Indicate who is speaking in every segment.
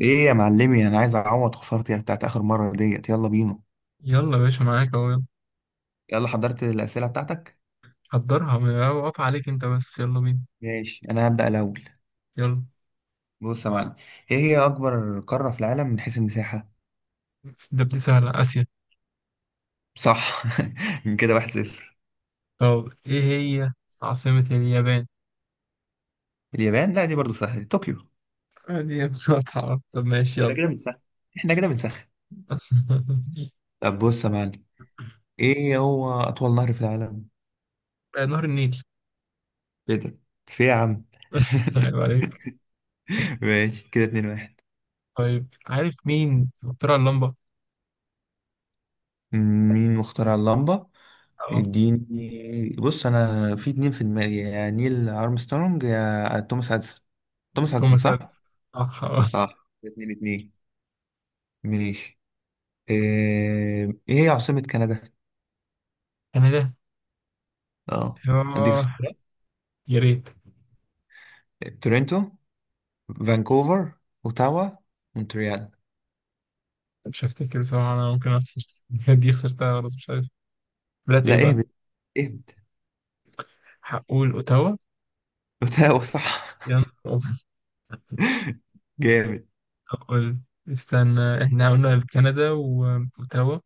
Speaker 1: ايه يا معلمي، انا عايز اعوض خسارتي بتاعت اخر مره ديت. يلا بينا.
Speaker 2: يلا يا باشا، معاك اهو. يلا
Speaker 1: يلا حضرت الاسئله بتاعتك؟
Speaker 2: حضرها، واقف عليك انت بس. يلا بينا.
Speaker 1: ماشي انا هبدا الاول.
Speaker 2: يلا
Speaker 1: بص يا معلم. ايه هي اكبر قاره في العالم من حيث المساحه؟
Speaker 2: بس ده بدي سهلة، آسيا.
Speaker 1: صح من كده واحد صفر.
Speaker 2: طب ايه هي عاصمة اليابان؟
Speaker 1: اليابان لا، دي برضو سهله، طوكيو.
Speaker 2: دي مقاطعة. طب ماشي
Speaker 1: احنا
Speaker 2: يلا.
Speaker 1: كده بنسخن. احنا كده بنسخن. طب بص يا معلم. ايه هو اطول نهر في العالم؟
Speaker 2: آه، نهر النيل.
Speaker 1: كده. في إيه يا عم؟
Speaker 2: عيب عليك.
Speaker 1: ماشي، كده اتنين واحد.
Speaker 2: طيب عارف مين اخترع اللمبة؟
Speaker 1: مين مخترع اللمبة؟
Speaker 2: اه،
Speaker 1: اديني. بص انا في اتنين في دماغي، يا نيل ارمسترونج يا توماس اديسون. توماس اديسون
Speaker 2: توماس
Speaker 1: صح.
Speaker 2: اديسون. صح اه.
Speaker 1: صح، اتنين اتنين. ماشي. إيه هي عاصمة كندا؟
Speaker 2: انا ده.
Speaker 1: اه. اديك
Speaker 2: اه.
Speaker 1: اختيارات.
Speaker 2: يا ريت.
Speaker 1: تورنتو، فانكوفر، اوتاوا، مونتريال.
Speaker 2: مش هفتكر بصراحة، انا ممكن اخسر. دي خسرتها خلاص، مش عارف. بلاد ايه
Speaker 1: لا
Speaker 2: بقى؟
Speaker 1: اهبد. اهبد.
Speaker 2: هقول اوتاوا.
Speaker 1: اوتاوا صح.
Speaker 2: يلا.
Speaker 1: جامد.
Speaker 2: طب قول. استنى، احنا قلنا كندا واوتاوا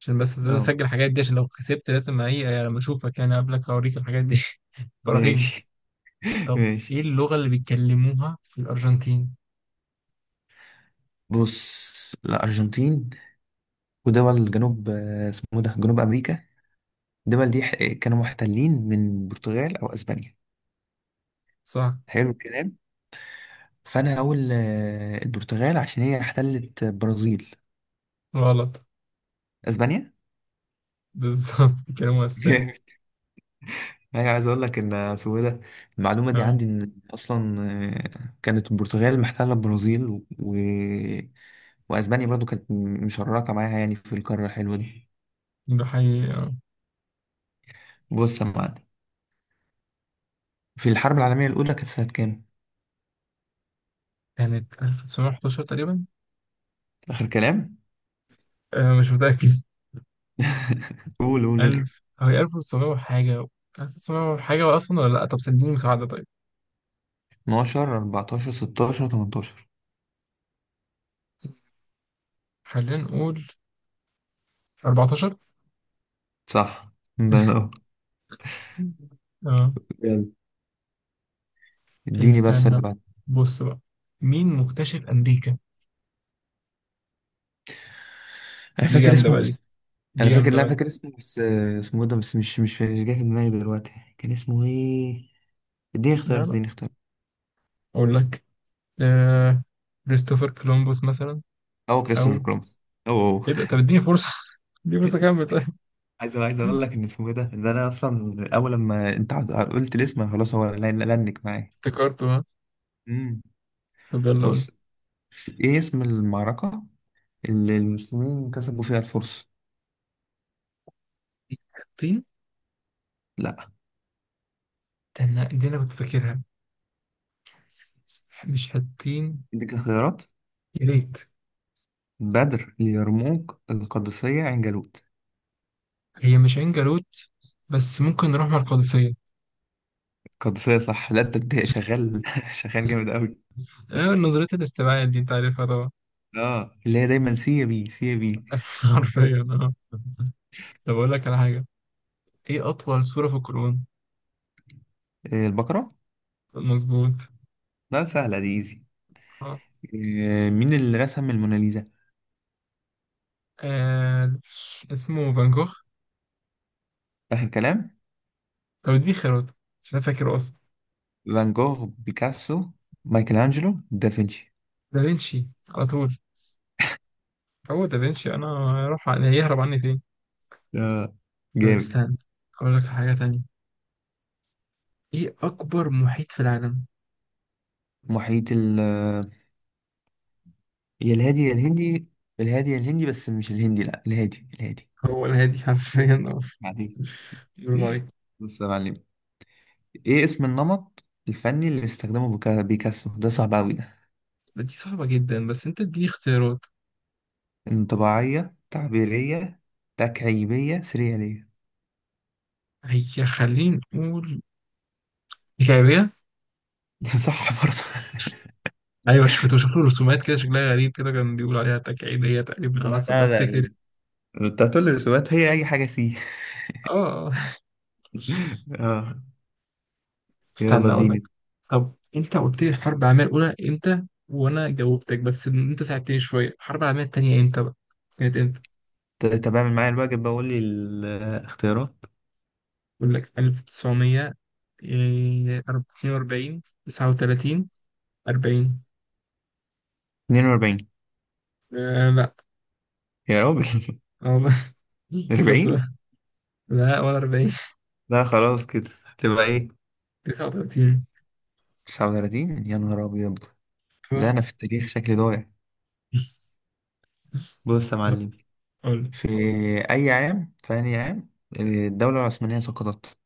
Speaker 2: عشان بس لازم
Speaker 1: اه
Speaker 2: اسجل الحاجات دي، عشان لو كسبت لازم ايه يعني، لما اشوفك يعني قبلك اوريك الحاجات دي. براهين.
Speaker 1: ماشي.
Speaker 2: طب ايه
Speaker 1: ماشي.
Speaker 2: اللغة اللي بيتكلموها في الارجنتين؟
Speaker 1: بص الارجنتين ودول جنوب، اسمه إيه ده، جنوب امريكا. الدول دي كانوا محتلين من البرتغال او اسبانيا.
Speaker 2: صح.
Speaker 1: حلو الكلام. فانا هقول البرتغال عشان هي احتلت برازيل.
Speaker 2: غلط.
Speaker 1: اسبانيا.
Speaker 2: بالظبط بيتكلموا اسباني.
Speaker 1: جامد. انا عايز اقول لك ان اسمه إيه ده. المعلومه دي
Speaker 2: اه
Speaker 1: عندي ان اصلا. كانت البرتغال محتله البرازيل واسبانيا برضو كانت مشركه معاها، يعني في القاره الحلوه دي.
Speaker 2: ده حقيقي اه.
Speaker 1: بص يا معلم. في الحرب العالميه الاولى كانت سنه كام؟
Speaker 2: كانت 1911 تقريبا.
Speaker 1: اخر كلام.
Speaker 2: آه مش متأكد.
Speaker 1: قول قول اضرب.
Speaker 2: 1000، هي 1900 وحاجة. 1900 وحاجة اصلا، ولا لا؟ طب سنديني مساعدة طيب.
Speaker 1: 12 14 16 18.
Speaker 2: خلينا نقول 14.
Speaker 1: صح. ده أنا-
Speaker 2: اه.
Speaker 1: يلا اديني بس اللي
Speaker 2: استنى،
Speaker 1: بعد.
Speaker 2: بص بقى، مين مكتشف أمريكا؟
Speaker 1: انا
Speaker 2: دي
Speaker 1: فاكر
Speaker 2: جامدة
Speaker 1: اسمه
Speaker 2: بقى دي.
Speaker 1: بس.
Speaker 2: دي
Speaker 1: انا فاكر
Speaker 2: جامدة
Speaker 1: لا
Speaker 2: بقى دي.
Speaker 1: فاكر اسمه بس، اسمه إيه ده، بس مش جاي في دماغي دلوقتي. كان اسمه ايه؟ اديني
Speaker 2: لا
Speaker 1: اختيار
Speaker 2: لا،
Speaker 1: اديني اختيار
Speaker 2: أقول لك. آه... كريستوفر كولومبوس مثلا.
Speaker 1: هو كريستوفر
Speaker 2: أو
Speaker 1: كولومبس. او.
Speaker 2: إيه ده، طب اديني فرصة. اديني فرصة كمل طيب.
Speaker 1: عايز اقول لك ان اسمه ايه ده، ان انا اصلا اول لما انت قلت الاسم أنا خلاص، هو لنك معايا.
Speaker 2: افتكرته ها.
Speaker 1: امم.
Speaker 2: طب يلا قول.
Speaker 1: بص. ايه اسم المعركة اللي المسلمين كسبوا فيها الفرس؟
Speaker 2: حطين.
Speaker 1: لا.
Speaker 2: استنى، دي أنا كنت فاكرها. مش حطين.
Speaker 1: اديك خيارات.
Speaker 2: يا ريت.
Speaker 1: بدر، اليرموك، القادسية، عين جالوت.
Speaker 2: هي مش عين جالوت، بس ممكن نروح مع القادسية.
Speaker 1: قدسية صح. لا انت، انت شغال شغال جامد قوي.
Speaker 2: آه، نظرية الاستبعاد دي أنت عارفها طبعا.
Speaker 1: اه، اللي هي دايما سي يا بي، سي يا بي.
Speaker 2: حرفيا اه. طب أقول لك على حاجة، إيه أطول سورة في القرآن؟
Speaker 1: البقرة.
Speaker 2: مظبوط.
Speaker 1: لا سهلة دي ايزي.
Speaker 2: آه.
Speaker 1: مين اللي رسم الموناليزا؟
Speaker 2: آه، اسمه فان جوخ.
Speaker 1: آخر كلام.
Speaker 2: طب دي خيارات، عشان انا فاكره اصلا.
Speaker 1: فان جوخ، بيكاسو، مايكل أنجلو، دافنشي.
Speaker 2: دافنشي على طول. هو دافنشي، انا هروح هيهرب عني فين.
Speaker 1: اه.
Speaker 2: طب
Speaker 1: جامد.
Speaker 2: استنى اقول لك حاجة تانية، ايه اكبر محيط في العالم؟
Speaker 1: محيط ال يا الهادي يا الهندي. الهادي يا الهندي، بس مش الهندي، لا الهادي الهادي.
Speaker 2: هو الهادي حرفيا اه.
Speaker 1: بعدين.
Speaker 2: برافو عليك.
Speaker 1: بص يا معلم. ايه اسم النمط الفني اللي استخدمه بيكاسو؟ ده صعب قوي.
Speaker 2: دي صعبة جدا، بس انت اديني اختيارات.
Speaker 1: انطباعية، تعبيرية، تكعيبية، سريالية.
Speaker 2: هي، خلينا نقول الكعبية.
Speaker 1: صح برضه.
Speaker 2: ايوه، كنت بشوف له رسومات كده شكلها غريب كده، كان بيقول عليها تكعيبية تقريبا على
Speaker 1: لا
Speaker 2: حسب ما
Speaker 1: لا
Speaker 2: افتكر.
Speaker 1: لا، انت هتقول لي رسومات هي اي حاجة سي.
Speaker 2: اه.
Speaker 1: اه. يلا
Speaker 2: استنى اقول لك،
Speaker 1: اديني.
Speaker 2: طب انت قلت لي الحرب العالميه الاولى امتى وانا جاوبتك بس انت ساعدتني شويه. الحرب العالميه الثانيه امتى بقى؟ كانت امتى؟
Speaker 1: طب اعمل معايا الواجب، بقول لي الاختيارات.
Speaker 2: اقول لك، 1942، 39، 40.
Speaker 1: 42.
Speaker 2: آه لا.
Speaker 1: يا راجل.
Speaker 2: والله. شفت بقى.
Speaker 1: 40.
Speaker 2: لا، ولا 40.
Speaker 1: لا خلاص كده. تبقى ايه؟
Speaker 2: 39.
Speaker 1: 39 يا نهار ابيض. لا
Speaker 2: طبعا.
Speaker 1: انا في التاريخ شكلي ضايع.
Speaker 2: طب
Speaker 1: بص يا
Speaker 2: طب
Speaker 1: معلم.
Speaker 2: قول لي.
Speaker 1: في في اي عام الدولة العثمانية سقطت؟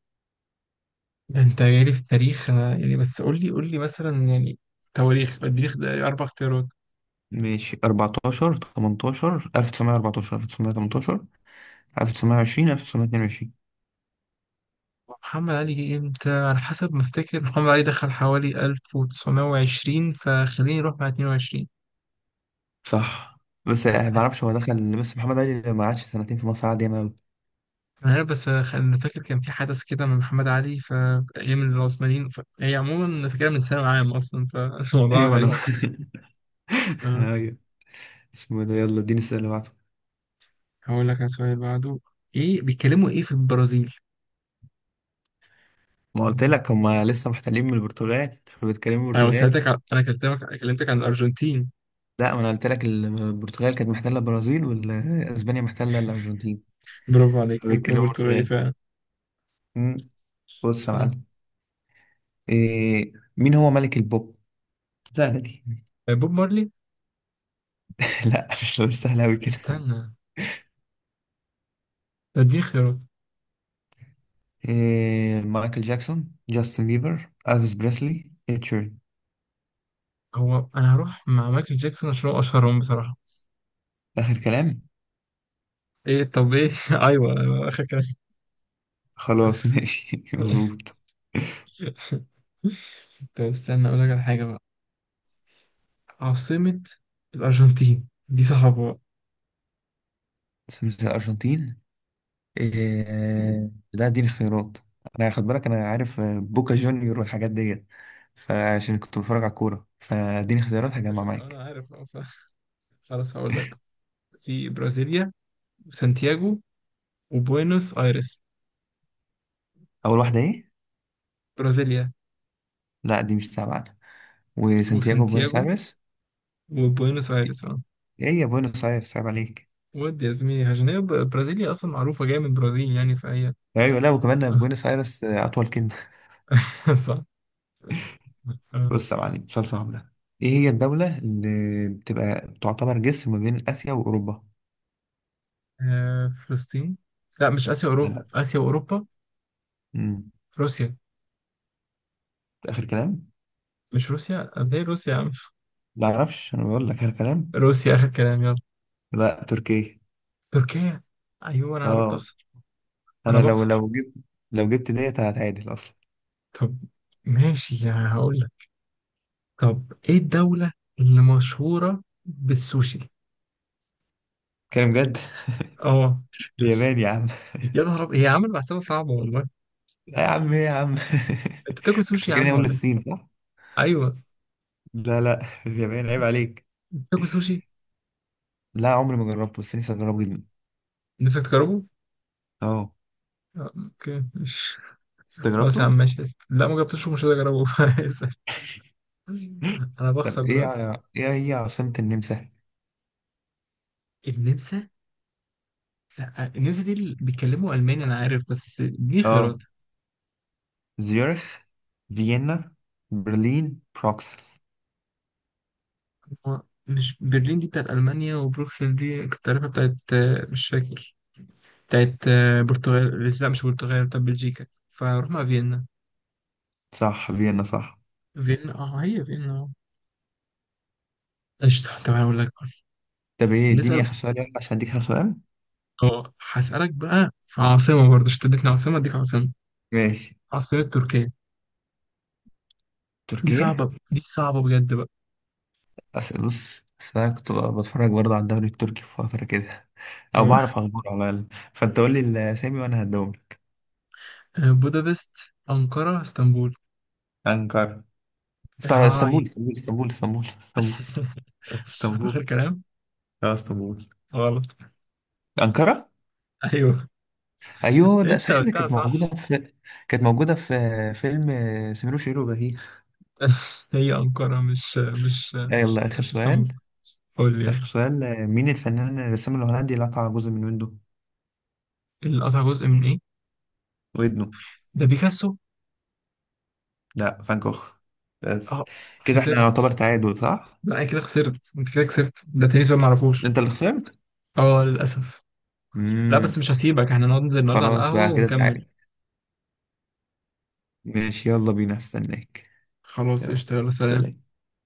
Speaker 2: ده انت جاي لي في التاريخ انا يعني، بس قول لي قول لي مثلا يعني، تواريخ، التاريخ ده اربع اختيارات.
Speaker 1: ماشي. 14 18 1914 1918 1920 1922.
Speaker 2: محمد علي جه امتى، على حسب ما افتكر محمد علي دخل حوالي 1920، فخليني اروح مع 22.
Speaker 1: صح بس يعني ما بعرفش هو دخل، بس محمد علي ما قعدش سنتين في مصر عادي، ياما أوي.
Speaker 2: انا عارف، بس انا فاكر كان في حدث كده من محمد علي في ايام العثمانيين، هي عموما أنا فاكرها من ثانوي عام اصلا، فالموضوع
Speaker 1: ايوه
Speaker 2: غريب.
Speaker 1: انا.
Speaker 2: تمام.
Speaker 1: ايوه. اسمه ده. يلا اديني السؤال اللي بعده.
Speaker 2: هقول لك على سؤال بعده، ايه بيتكلموا في البرازيل؟
Speaker 1: ما قلت لك هما لسه محتلين من البرتغال، فبيتكلموا
Speaker 2: انا قلت
Speaker 1: برتغالي.
Speaker 2: لك على... انا كلمتك عن الارجنتين.
Speaker 1: لا ما انا قلت لك البرتغال كانت محتله البرازيل واسبانيا محتله الارجنتين.
Speaker 2: برافو عليك، يمكن
Speaker 1: فبيتكلموا
Speaker 2: برتغالي
Speaker 1: برتغالي.
Speaker 2: فعلا.
Speaker 1: أمم، بص يا
Speaker 2: صح.
Speaker 1: معلم. إيه، مين هو ملك البوب؟ سهلة دي.
Speaker 2: بوب مارلي.
Speaker 1: لا، مش سهلة أوي كده.
Speaker 2: استنى ده، اديني خيارات.
Speaker 1: إيه؟ مايكل جاكسون، جاستن بيبر، ألفيس بريسلي، إتشيرن.
Speaker 2: هو انا هروح مع مايكل جاكسون عشان هو اشهرهم بصراحه.
Speaker 1: آخر كلام.
Speaker 2: ايه طب ايه ايوه، اخر كلام.
Speaker 1: خلاص. ماشي مظبوط.
Speaker 2: طب استنى اقول لك على حاجه بقى، عاصمه الارجنتين دي صعبه بقى.
Speaker 1: سمسة الأرجنتين. إيه؟ لا اديني اختيارات. أنا خد بالك، أنا عارف بوكا جونيور والحاجات ديت. فعشان كنت بتفرج على الكورة، فاديني اختيارات
Speaker 2: ممكن
Speaker 1: هجمع معاك.
Speaker 2: انا عارف اه صح. خلاص هقول لك، في برازيليا وسانتياغو وبوينوس ايرس.
Speaker 1: أول واحدة إيه؟
Speaker 2: برازيليا
Speaker 1: لا دي مش تابعة. وسانتياغو، بوينس
Speaker 2: وسانتياغو
Speaker 1: آيرس.
Speaker 2: وبوينوس ايرس اه.
Speaker 1: إيه يا بوينس آيرس عيب عليك.
Speaker 2: ودي يا زميلي عشان هي برازيليا اصلا معروفه جايه من البرازيل يعني، فهي
Speaker 1: أيوة لا، وكمان بوينس آيرس، أطول كلمة.
Speaker 2: صح. آه.
Speaker 1: بص يا معلم، سؤال صعب ده. ايه هي الدولة اللي بتبقى تعتبر جسر ما بين آسيا وأوروبا؟
Speaker 2: فلسطين. لا مش اسيا اوروبا،
Speaker 1: لا.
Speaker 2: اسيا واوروبا.
Speaker 1: امم.
Speaker 2: روسيا.
Speaker 1: آخر كلام؟
Speaker 2: مش روسيا، قبل روسيا يا عم.
Speaker 1: لا معرفش. أنا بقول لك، آخر كلام؟
Speaker 2: روسيا آخر كلام يلا.
Speaker 1: لا، تركيا.
Speaker 2: تركيا. أيوه أنا قربت
Speaker 1: اه.
Speaker 2: أخسر. أنا
Speaker 1: أنا لو
Speaker 2: بخسر.
Speaker 1: لو جبت، لو جبت ديت هتعادل أصلا.
Speaker 2: طب ماشي يعني هقول لك، طب إيه الدولة اللي مشهورة بالسوشي؟
Speaker 1: كلام جد.
Speaker 2: أه.
Speaker 1: اليابان يا عم.
Speaker 2: يا نهار أبيض، هي عامل محسبة صعبة والله.
Speaker 1: لا يا عم. إيه يا عم.
Speaker 2: أنت بتاكل
Speaker 1: كنت
Speaker 2: سوشي يا
Speaker 1: فاكرني
Speaker 2: عم
Speaker 1: أقول
Speaker 2: ولا؟ إيه؟
Speaker 1: الصين صح؟
Speaker 2: أيوه.
Speaker 1: لا لا، اليابان عيب عليك.
Speaker 2: أنت بتاكل سوشي؟
Speaker 1: لا عمري ما جربته، بس نفسي أجربه جدا.
Speaker 2: نفسك تجربه؟
Speaker 1: اه.
Speaker 2: أوكي مش.
Speaker 1: أنت
Speaker 2: خلاص يا عم
Speaker 1: جربته؟
Speaker 2: ماشي، اسف. لا ما جبتوش، ومش هقدر أجربه. اسف. أنا بخسر
Speaker 1: طب ايه
Speaker 2: دلوقتي.
Speaker 1: ايه هي عاصمة النمسا؟
Speaker 2: النمسا؟ لا النمسا دي اللي بيتكلموا ألماني، أنا عارف، بس دي
Speaker 1: اه.
Speaker 2: خيارات.
Speaker 1: زيورخ، فيينا، برلين، بروكسل.
Speaker 2: هو مش برلين دي بتاعت ألمانيا، وبروكسل دي كنت عارفها بتاعت مش فاكر، بتاعت برتغال، لا مش برتغال، بتاعت بلجيكا. فرحنا، فيينا.
Speaker 1: صح، فيينا صح.
Speaker 2: فيينا اه، هي فيينا اه. قشطة. طب أنا أقول لك بقى.
Speaker 1: طب ايه، اديني
Speaker 2: نسأل.
Speaker 1: اخر سؤال يلا، عشان اديك اخر سؤال.
Speaker 2: اه هسألك بقى في عاصمة برضه، اشتدتني عاصمة أديك عاصمة،
Speaker 1: ماشي.
Speaker 2: عاصمة تركيا.
Speaker 1: تركيا.
Speaker 2: دي صعبة بجد بقى.
Speaker 1: أسأل. بص أصل أنا كنت بتفرج برضه على الدوري التركي في فترة كده، أو
Speaker 2: اه.
Speaker 1: بعرف أخباره على الأقل. فأنت قول لي الأسامي وأنا هديهم لك.
Speaker 2: بودابست، أنقرة، اسطنبول.
Speaker 1: أنقرة.
Speaker 2: هاي.
Speaker 1: اسطنبول اسطنبول اسطنبول اسطنبول اسطنبول
Speaker 2: آخر
Speaker 1: اسطنبول.
Speaker 2: كلام.
Speaker 1: اه اسطنبول.
Speaker 2: غلط.
Speaker 1: أنقرة.
Speaker 2: أيوه،
Speaker 1: أيوه ده
Speaker 2: أنت
Speaker 1: صحيح، ده
Speaker 2: قلتها
Speaker 1: كانت موجودة
Speaker 2: صح.
Speaker 1: في كانت موجودة في فيلم سمير وشهير وبهير.
Speaker 2: هي أنقرة،
Speaker 1: يلا آخر
Speaker 2: مش
Speaker 1: سؤال.
Speaker 2: اسطنبول. قول لي يلا.
Speaker 1: آخر سؤال، مين الفنان الرسام الهولندي اللي قطع جزء من ويندو؟
Speaker 2: اللي قطع جزء من إيه؟
Speaker 1: ودنه.
Speaker 2: ده بيكاسو.
Speaker 1: لا، فان جوخ بس.
Speaker 2: أه،
Speaker 1: كده احنا
Speaker 2: خسرت.
Speaker 1: يعتبر تعادل صح؟
Speaker 2: لا أنا كده خسرت، أنت كده خسرت، ده تاني سؤال معرفوش.
Speaker 1: انت اللي خسرت.
Speaker 2: أه للأسف. لا بس
Speaker 1: امم.
Speaker 2: مش هسيبك، احنا نقعد ننزل النهاردة على
Speaker 1: خلاص
Speaker 2: القهوة
Speaker 1: بقى كده
Speaker 2: ونكمل.
Speaker 1: تعادل. ماشي، يلا بينا استناك.
Speaker 2: خلاص
Speaker 1: يلا.
Speaker 2: قشطة، يلا سلام.
Speaker 1: سلام.